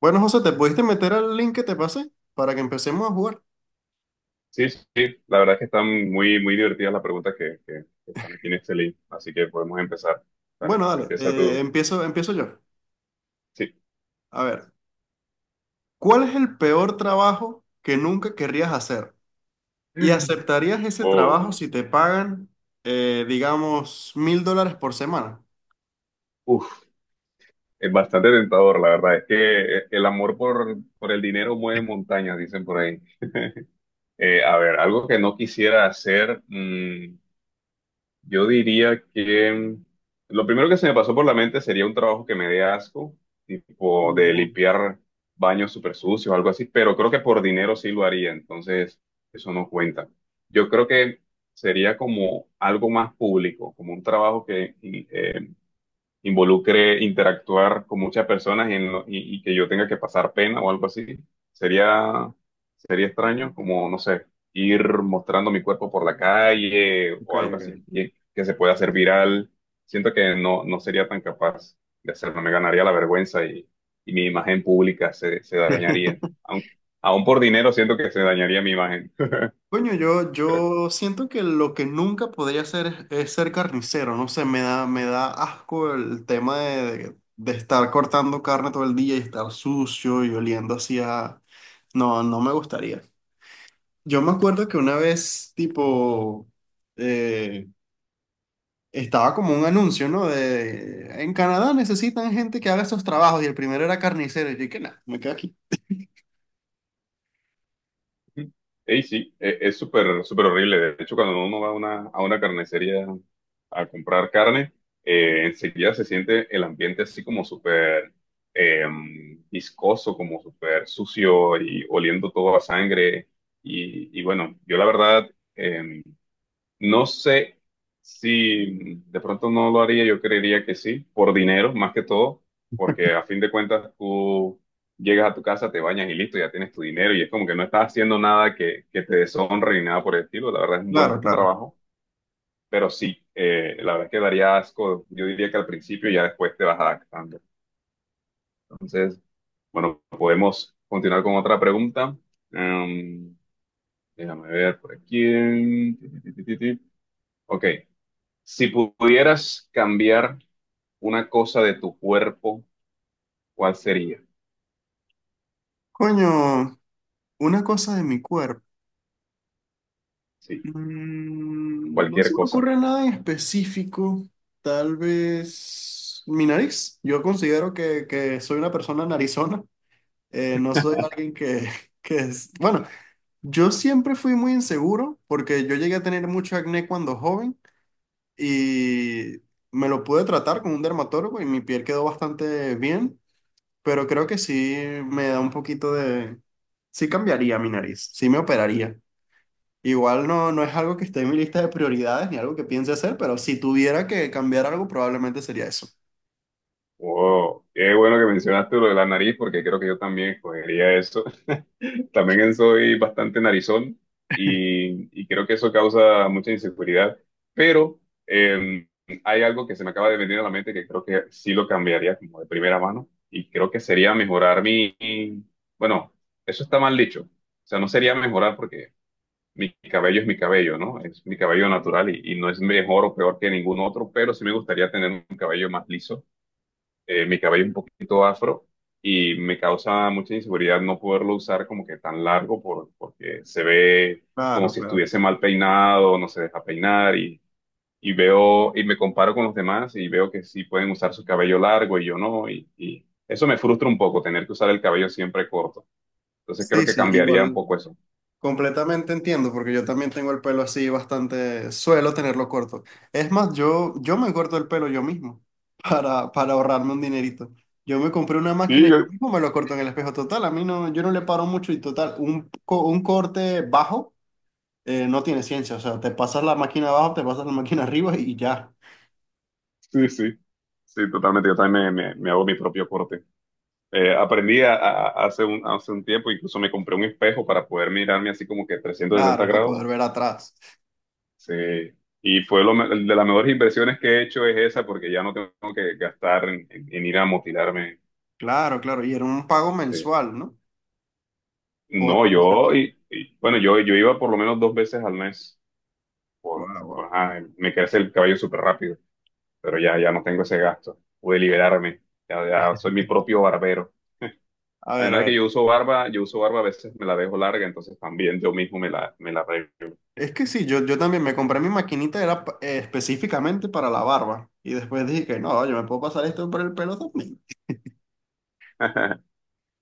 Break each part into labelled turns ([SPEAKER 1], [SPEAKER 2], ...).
[SPEAKER 1] Bueno, José, ¿te pudiste meter al link que te pasé para que empecemos a jugar?
[SPEAKER 2] Sí, sí, sí. La verdad es que están muy, muy divertidas las preguntas que están aquí en este link, así que podemos empezar. Dale,
[SPEAKER 1] Bueno, dale,
[SPEAKER 2] empieza tú.
[SPEAKER 1] empiezo yo.
[SPEAKER 2] Sí.
[SPEAKER 1] A ver, ¿cuál es el peor trabajo que nunca querrías hacer? ¿Y aceptarías ese trabajo
[SPEAKER 2] Oh,
[SPEAKER 1] si te pagan, digamos, 1.000 dólares por semana?
[SPEAKER 2] uf, es bastante tentador, la verdad es que el amor por el dinero mueve montañas, dicen por ahí. A ver, algo que no quisiera hacer. Yo diría que, lo primero que se me pasó por la mente sería un trabajo que me dé asco, tipo de
[SPEAKER 1] No.
[SPEAKER 2] limpiar baños súper sucios o algo así, pero creo que por dinero sí lo haría, entonces eso no cuenta. Yo creo que sería como algo más público, como un trabajo que, involucre interactuar con muchas personas y, y que yo tenga que pasar pena o algo así. Sería, sería extraño como, no sé, ir mostrando mi cuerpo por la calle
[SPEAKER 1] Ok,
[SPEAKER 2] o algo así
[SPEAKER 1] ok.
[SPEAKER 2] que se pueda hacer viral. Siento que no, no sería tan capaz de hacerlo. Me ganaría la vergüenza y mi imagen pública se, se dañaría. Aún por dinero siento que se dañaría mi imagen.
[SPEAKER 1] Coño, yo, yo siento que lo que nunca podría hacer es, ser carnicero, no sé, me da asco el tema de estar cortando carne todo el día y estar sucio y oliendo hacia... No, no me gustaría. Yo me acuerdo que una vez, tipo, eh, estaba como un anuncio, ¿no? De, en Canadá necesitan gente que haga estos trabajos y el primero era carnicero y yo dije, nada, me quedo aquí.
[SPEAKER 2] Ey, sí, es súper, súper horrible. De hecho, cuando uno va a una carnicería a comprar carne, enseguida se siente el ambiente así como súper viscoso, como súper sucio y oliendo todo a sangre. Y bueno, yo la verdad, em, no sé si de pronto no lo haría, yo creería que sí, por dinero más que todo, porque a fin de cuentas tú llegas a tu casa, te bañas y listo, ya tienes tu dinero y es como que no estás haciendo nada que, que te deshonre ni nada por el estilo, la verdad es un buen
[SPEAKER 1] Claro, claro.
[SPEAKER 2] trabajo, pero sí, la verdad es que daría asco, yo diría que al principio y ya después te vas adaptando. Entonces, bueno, podemos continuar con otra pregunta. Em, Déjame ver por aquí. Ti, ti, ti, ti, ti. Ok. Si pudieras cambiar una cosa de tu cuerpo, ¿cuál sería?
[SPEAKER 1] Coño, una cosa de mi cuerpo.
[SPEAKER 2] Sí,
[SPEAKER 1] No se
[SPEAKER 2] cualquier
[SPEAKER 1] me
[SPEAKER 2] cosa.
[SPEAKER 1] ocurre nada en específico. Tal vez mi nariz. Yo considero que soy una persona narizona. No soy alguien que, que es... Bueno, yo siempre fui muy inseguro porque yo llegué a tener mucho acné cuando joven y me lo pude tratar con un dermatólogo y mi piel quedó bastante bien, pero creo que sí me da un poquito de... Sí cambiaría mi nariz, sí me operaría. Igual no, no es algo que esté en mi lista de prioridades ni algo que piense hacer, pero si tuviera que cambiar algo, probablemente sería eso.
[SPEAKER 2] Wow, qué bueno que mencionaste lo de la nariz, porque creo que yo también escogería eso. También soy bastante narizón y creo que eso causa mucha inseguridad. Pero eh, hay algo que se me acaba de venir a la mente que creo que sí lo cambiaría como de primera mano y creo que sería mejorar mi... Bueno, eso está mal dicho. O sea, no sería mejorar porque mi cabello es mi cabello, ¿no? Es mi cabello natural y no es mejor o peor que ningún otro, pero sí me gustaría tener un cabello más liso, mi cabello un poquito afro y me causa mucha inseguridad no poderlo usar como que tan largo por, porque se ve como
[SPEAKER 1] Claro,
[SPEAKER 2] si
[SPEAKER 1] claro.
[SPEAKER 2] estuviese mal peinado, no se deja peinar y veo y me comparo con los demás y veo que sí pueden usar su cabello largo y yo no y, y eso me frustra un poco, tener que usar el cabello siempre corto. Entonces creo
[SPEAKER 1] Sí,
[SPEAKER 2] que
[SPEAKER 1] sí,
[SPEAKER 2] cambiaría un
[SPEAKER 1] igual
[SPEAKER 2] poco eso.
[SPEAKER 1] completamente entiendo, porque yo también tengo el pelo así bastante, suelo tenerlo corto. Es más, yo me corto el pelo yo mismo para ahorrarme un dinerito. Yo me compré una máquina
[SPEAKER 2] Sí,
[SPEAKER 1] y yo
[SPEAKER 2] yo,
[SPEAKER 1] mismo me lo corto en el espejo. Total, a mí no, yo no le paro mucho y total, un corte bajo no tiene ciencia. O sea, te pasas la máquina abajo, te pasas la máquina arriba y ya.
[SPEAKER 2] Sí, sí, sí, totalmente. Yo también me hago mi propio corte. Aprendí a- Hace hace un tiempo, incluso me compré un espejo para poder mirarme así como que 360
[SPEAKER 1] Claro, para
[SPEAKER 2] grados.
[SPEAKER 1] poder ver atrás.
[SPEAKER 2] Sí. Y fue de las mejores inversiones que he hecho es esa, porque ya no tengo que gastar en ir a motilarme.
[SPEAKER 1] Claro, claro. Y era un pago
[SPEAKER 2] Sí.
[SPEAKER 1] mensual, ¿no? Por
[SPEAKER 2] No,
[SPEAKER 1] lo menos.
[SPEAKER 2] yo, y, bueno, Yo iba por lo menos dos veces al mes.
[SPEAKER 1] Guau, guau.
[SPEAKER 2] Ajá, me crece el cabello súper rápido, pero ya, ya no tengo ese gasto. Pude liberarme, ya, ya soy mi propio barbero.
[SPEAKER 1] A ver, a
[SPEAKER 2] Además de que
[SPEAKER 1] ver.
[SPEAKER 2] yo uso barba, a veces me la dejo larga, entonces también yo mismo me me la arreglo.
[SPEAKER 1] Es que sí, yo también me compré mi maquinita, era específicamente para la barba. Y después dije que no, yo me puedo pasar esto por el pelo también.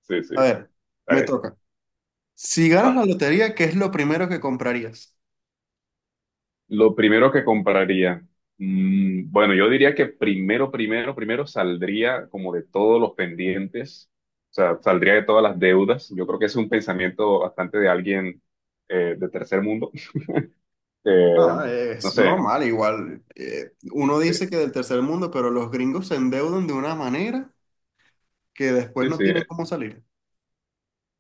[SPEAKER 2] Sí, sí.
[SPEAKER 1] A ver,
[SPEAKER 2] A
[SPEAKER 1] me
[SPEAKER 2] ver,
[SPEAKER 1] toca. Si ganas
[SPEAKER 2] va.
[SPEAKER 1] la lotería, ¿qué es lo primero que comprarías?
[SPEAKER 2] Lo primero que compraría. Bueno, yo diría que primero, primero, primero saldría como de todos los pendientes. O sea, saldría de todas las deudas. Yo creo que es un pensamiento bastante de alguien de tercer mundo. Eh,
[SPEAKER 1] Ah,
[SPEAKER 2] no
[SPEAKER 1] es
[SPEAKER 2] sé.
[SPEAKER 1] normal, igual. Uno
[SPEAKER 2] Sí,
[SPEAKER 1] dice que del tercer mundo, pero los gringos se endeudan de una manera que después
[SPEAKER 2] sí,
[SPEAKER 1] no
[SPEAKER 2] sí.
[SPEAKER 1] tienen cómo salir.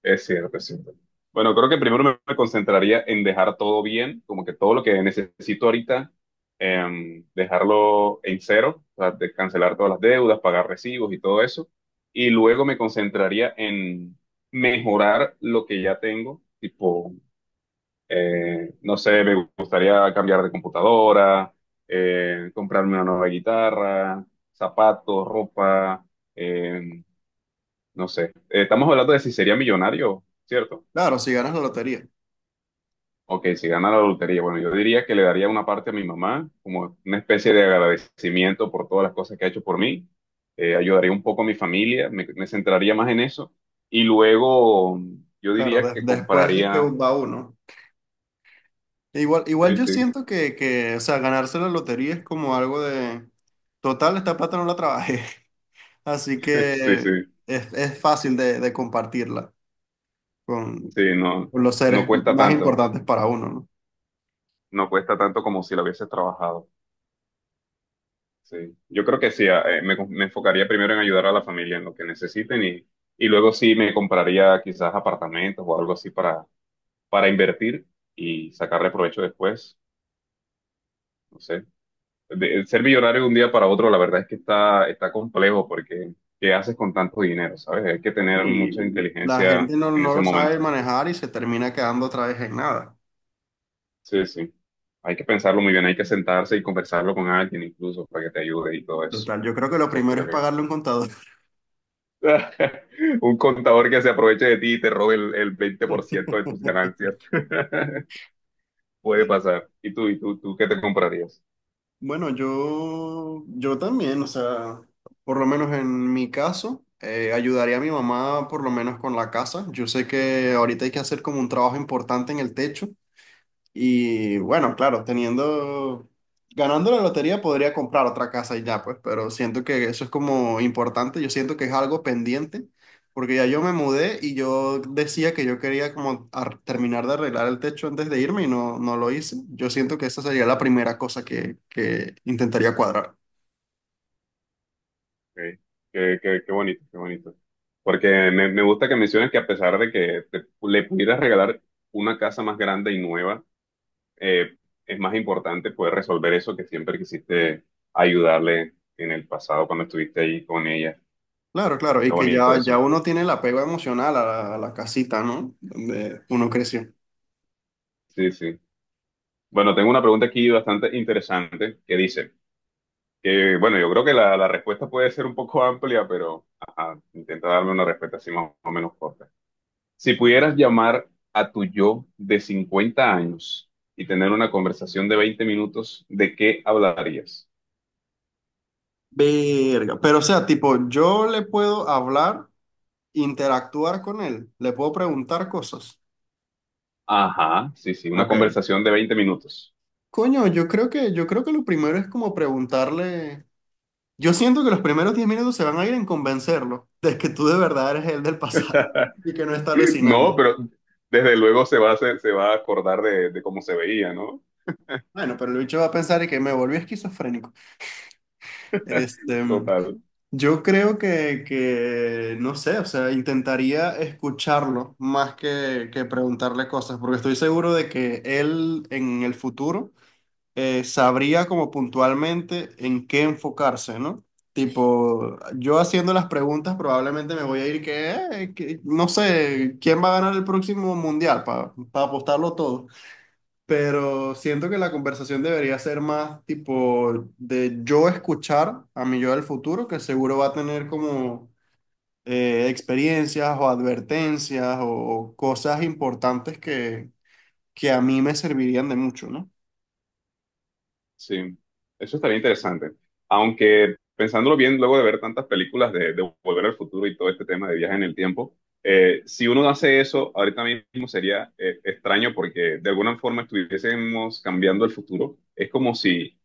[SPEAKER 2] Es cierto, es cierto. Bueno, creo que primero me concentraría en dejar todo bien, como que todo lo que necesito ahorita, dejarlo en cero, o sea, de cancelar todas las deudas, pagar recibos y todo eso. Y luego me concentraría en mejorar lo que ya tengo, tipo, no sé, me gustaría cambiar de computadora, comprarme una nueva guitarra, zapatos, ropa, em, no sé. Estamos hablando de si sería millonario, ¿cierto?
[SPEAKER 1] Claro, si ganas la lotería.
[SPEAKER 2] Ok, si gana la lotería, bueno, yo diría que le daría una parte a mi mamá, como una especie de agradecimiento por todas las cosas que ha hecho por mí. Ayudaría un poco a mi familia, me centraría más en eso. Y luego yo
[SPEAKER 1] Claro,
[SPEAKER 2] diría que
[SPEAKER 1] después es que
[SPEAKER 2] compraría.
[SPEAKER 1] va uno. Igual
[SPEAKER 2] Sí,
[SPEAKER 1] yo
[SPEAKER 2] sí,
[SPEAKER 1] siento que, o sea, ganarse la lotería es como algo de, total, esta plata no la trabajé, así
[SPEAKER 2] sí,
[SPEAKER 1] que
[SPEAKER 2] sí,
[SPEAKER 1] es, fácil de, compartirla con,
[SPEAKER 2] sí, no,
[SPEAKER 1] con los
[SPEAKER 2] no
[SPEAKER 1] seres
[SPEAKER 2] cuesta
[SPEAKER 1] más
[SPEAKER 2] tanto,
[SPEAKER 1] importantes para uno,
[SPEAKER 2] no cuesta tanto como si lo hubieses trabajado. Sí, yo creo que sí, me enfocaría primero en ayudar a la familia en lo que necesiten y luego sí me compraría quizás apartamentos o algo así para. Para invertir y sacarle provecho después. No sé. Ser millonario de un día para otro, la verdad es que está, está complejo porque ¿qué haces con tanto dinero? ¿Sabes? Hay que
[SPEAKER 1] ¿no?
[SPEAKER 2] tener mucha
[SPEAKER 1] Y la
[SPEAKER 2] inteligencia
[SPEAKER 1] gente no,
[SPEAKER 2] en
[SPEAKER 1] no
[SPEAKER 2] ese
[SPEAKER 1] lo
[SPEAKER 2] momento.
[SPEAKER 1] sabe manejar y se termina quedando otra vez en nada.
[SPEAKER 2] Sí, sí. Hay que pensarlo muy bien, hay que sentarse y conversarlo con alguien incluso para que te ayude y todo eso.
[SPEAKER 1] Total, yo creo que lo
[SPEAKER 2] Entonces
[SPEAKER 1] primero es
[SPEAKER 2] creo que
[SPEAKER 1] pagarle a un contador.
[SPEAKER 2] un contador que se aproveche de ti y te robe el 20% de tus ganancias puede pasar. ¿Y tú qué te comprarías?
[SPEAKER 1] Bueno, yo también, o sea, por lo menos en mi caso, ayudaría a mi mamá por lo menos con la casa. Yo sé que ahorita hay que hacer como un trabajo importante en el techo y bueno, claro, teniendo, ganando la lotería podría comprar otra casa y ya, pues, pero siento que eso es como importante, yo siento que es algo pendiente, porque ya yo me mudé y yo decía que yo quería como terminar de arreglar el techo antes de irme y no, no lo hice. Yo siento que esa sería la primera cosa que, intentaría cuadrar.
[SPEAKER 2] Ok. Qué bonito, qué bonito. Porque me gusta que menciones que a pesar de que le pudieras regalar una casa más grande y nueva, eh, es más importante poder resolver eso que siempre quisiste ayudarle en el pasado cuando estuviste ahí con ella.
[SPEAKER 1] Claro, claro, y
[SPEAKER 2] Está
[SPEAKER 1] que
[SPEAKER 2] bonito
[SPEAKER 1] ya,
[SPEAKER 2] eso.
[SPEAKER 1] uno tiene el apego emocional a la casita, ¿no? Donde uno creció.
[SPEAKER 2] Sí, sí. Bueno, tengo una pregunta aquí bastante interesante que dice, que bueno, yo creo que la respuesta puede ser un poco amplia, pero ajá, intenta darme una respuesta así más o menos corta. Si pudieras llamar a tu yo de 50 años y tener una conversación de 20 minutos, ¿de qué hablarías?
[SPEAKER 1] Verga, pero o sea, tipo, yo le puedo hablar, interactuar con él, le puedo preguntar cosas.
[SPEAKER 2] Ajá, sí, sí, una
[SPEAKER 1] Ok.
[SPEAKER 2] conversación de 20 minutos.
[SPEAKER 1] Coño, yo creo que lo primero es como preguntarle. Yo siento que los primeros 10 minutos se van a ir en convencerlo de que tú de verdad eres el del pasado y que no está
[SPEAKER 2] No,
[SPEAKER 1] alucinando.
[SPEAKER 2] pero desde luego se va a se va a acordar de cómo se veía, ¿no?
[SPEAKER 1] Bueno, pero el bicho va a pensar y que me volví esquizofrénico. Este,
[SPEAKER 2] Total.
[SPEAKER 1] yo creo que, no sé, o sea, intentaría escucharlo más que, preguntarle cosas, porque estoy seguro de que él en el futuro sabría como puntualmente en qué enfocarse, ¿no? Tipo, yo haciendo las preguntas probablemente me voy a ir que, no sé, ¿quién va a ganar el próximo mundial? Para apostarlo todo. Pero siento que la conversación debería ser más tipo de yo escuchar a mi yo del futuro, que seguro va a tener como experiencias o advertencias o cosas importantes que a mí me servirían de mucho, ¿no?
[SPEAKER 2] Sí, eso estaría interesante. Aunque pensándolo bien, luego de ver tantas películas de Volver al Futuro y todo este tema de viaje en el tiempo, si uno hace eso, ahorita mismo sería extraño porque de alguna forma estuviésemos cambiando el futuro. Es como si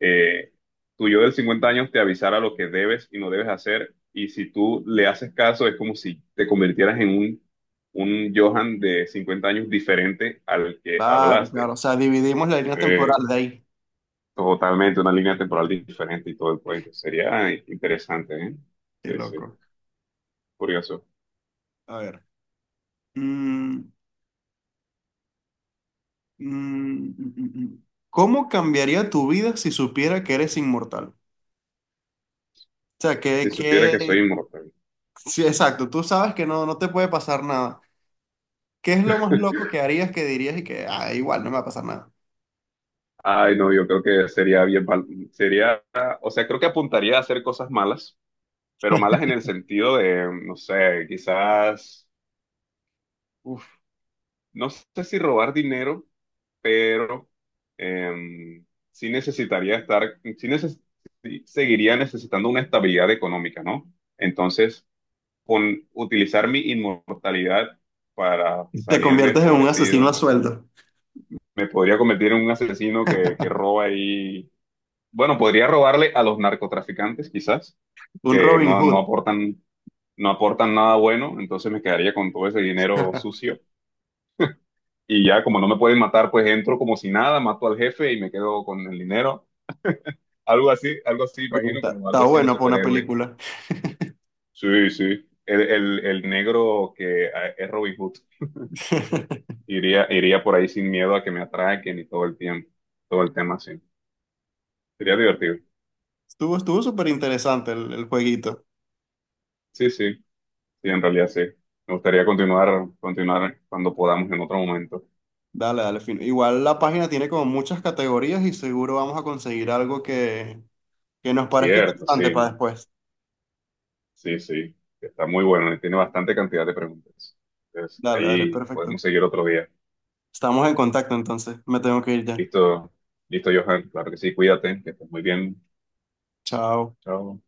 [SPEAKER 2] eh, tu yo del 50 años te avisara lo que debes y no debes hacer, y si tú le haces caso, es como si te convirtieras en un Johan de 50 años diferente al que
[SPEAKER 1] Claro, claro.
[SPEAKER 2] hablaste.
[SPEAKER 1] O sea, dividimos la línea
[SPEAKER 2] Eh,
[SPEAKER 1] temporal de ahí.
[SPEAKER 2] Totalmente una línea temporal diferente y todo el cuento. Sería interesante, ¿eh?
[SPEAKER 1] Qué
[SPEAKER 2] Sí, sí,
[SPEAKER 1] loco.
[SPEAKER 2] curioso.
[SPEAKER 1] A ver. Mm, mm, mm, mm, mm. ¿Cómo cambiaría tu vida si supiera que eres inmortal? O sea, que,
[SPEAKER 2] Si supiera que soy
[SPEAKER 1] que...
[SPEAKER 2] inmortal.
[SPEAKER 1] Sí, exacto. Tú sabes que no, no te puede pasar nada. ¿Qué es lo más loco que harías que dirías y que, ah, igual, no me va a pasar nada?
[SPEAKER 2] Ay, no, yo creo que sería sería, o sea, creo que apuntaría a hacer cosas malas, pero malas en el sentido de, no sé, quizás, uf, no sé si robar dinero, pero em, sí necesitaría estar, sí seguiría necesitando una estabilidad económica, ¿no? Entonces, con utilizar mi inmortalidad para
[SPEAKER 1] Te
[SPEAKER 2] salirme
[SPEAKER 1] conviertes en un asesino a
[SPEAKER 2] favorecido.
[SPEAKER 1] sueldo.
[SPEAKER 2] Me podría convertir en un asesino que roba y... Bueno, podría robarle a los narcotraficantes quizás,
[SPEAKER 1] Un
[SPEAKER 2] que
[SPEAKER 1] Robin
[SPEAKER 2] no, no
[SPEAKER 1] Hood.
[SPEAKER 2] aportan, no aportan nada bueno, entonces me quedaría con todo ese dinero sucio. Y ya como no me pueden matar, pues entro como si nada, mato al jefe y me quedo con el dinero. Algo así,
[SPEAKER 1] Bueno,
[SPEAKER 2] imagino,
[SPEAKER 1] Está,
[SPEAKER 2] como algo
[SPEAKER 1] está
[SPEAKER 2] así de
[SPEAKER 1] bueno para una
[SPEAKER 2] superhéroe.
[SPEAKER 1] película.
[SPEAKER 2] Sí, sí. El negro que es Robin Hood. Iría, iría por ahí sin miedo a que me atraquen y todo el tiempo, todo el tema así. Sería divertido.
[SPEAKER 1] Estuvo súper interesante el jueguito.
[SPEAKER 2] Sí, sí, sí, en realidad sí. Me gustaría continuar, continuar cuando podamos en otro momento.
[SPEAKER 1] Dale, dale, fino. Igual la página tiene como muchas categorías y seguro vamos a conseguir algo que, nos parezca
[SPEAKER 2] Cierto,
[SPEAKER 1] interesante para
[SPEAKER 2] sí,
[SPEAKER 1] después.
[SPEAKER 2] sí, sí. Está muy bueno y tiene bastante cantidad de preguntas. Entonces,
[SPEAKER 1] Dale, dale,
[SPEAKER 2] ahí
[SPEAKER 1] perfecto.
[SPEAKER 2] podemos seguir otro día.
[SPEAKER 1] Estamos en contacto entonces. Me tengo que ir ya.
[SPEAKER 2] Listo, listo, Johan. Claro que sí, cuídate, que estés muy bien.
[SPEAKER 1] Chao.
[SPEAKER 2] Chao.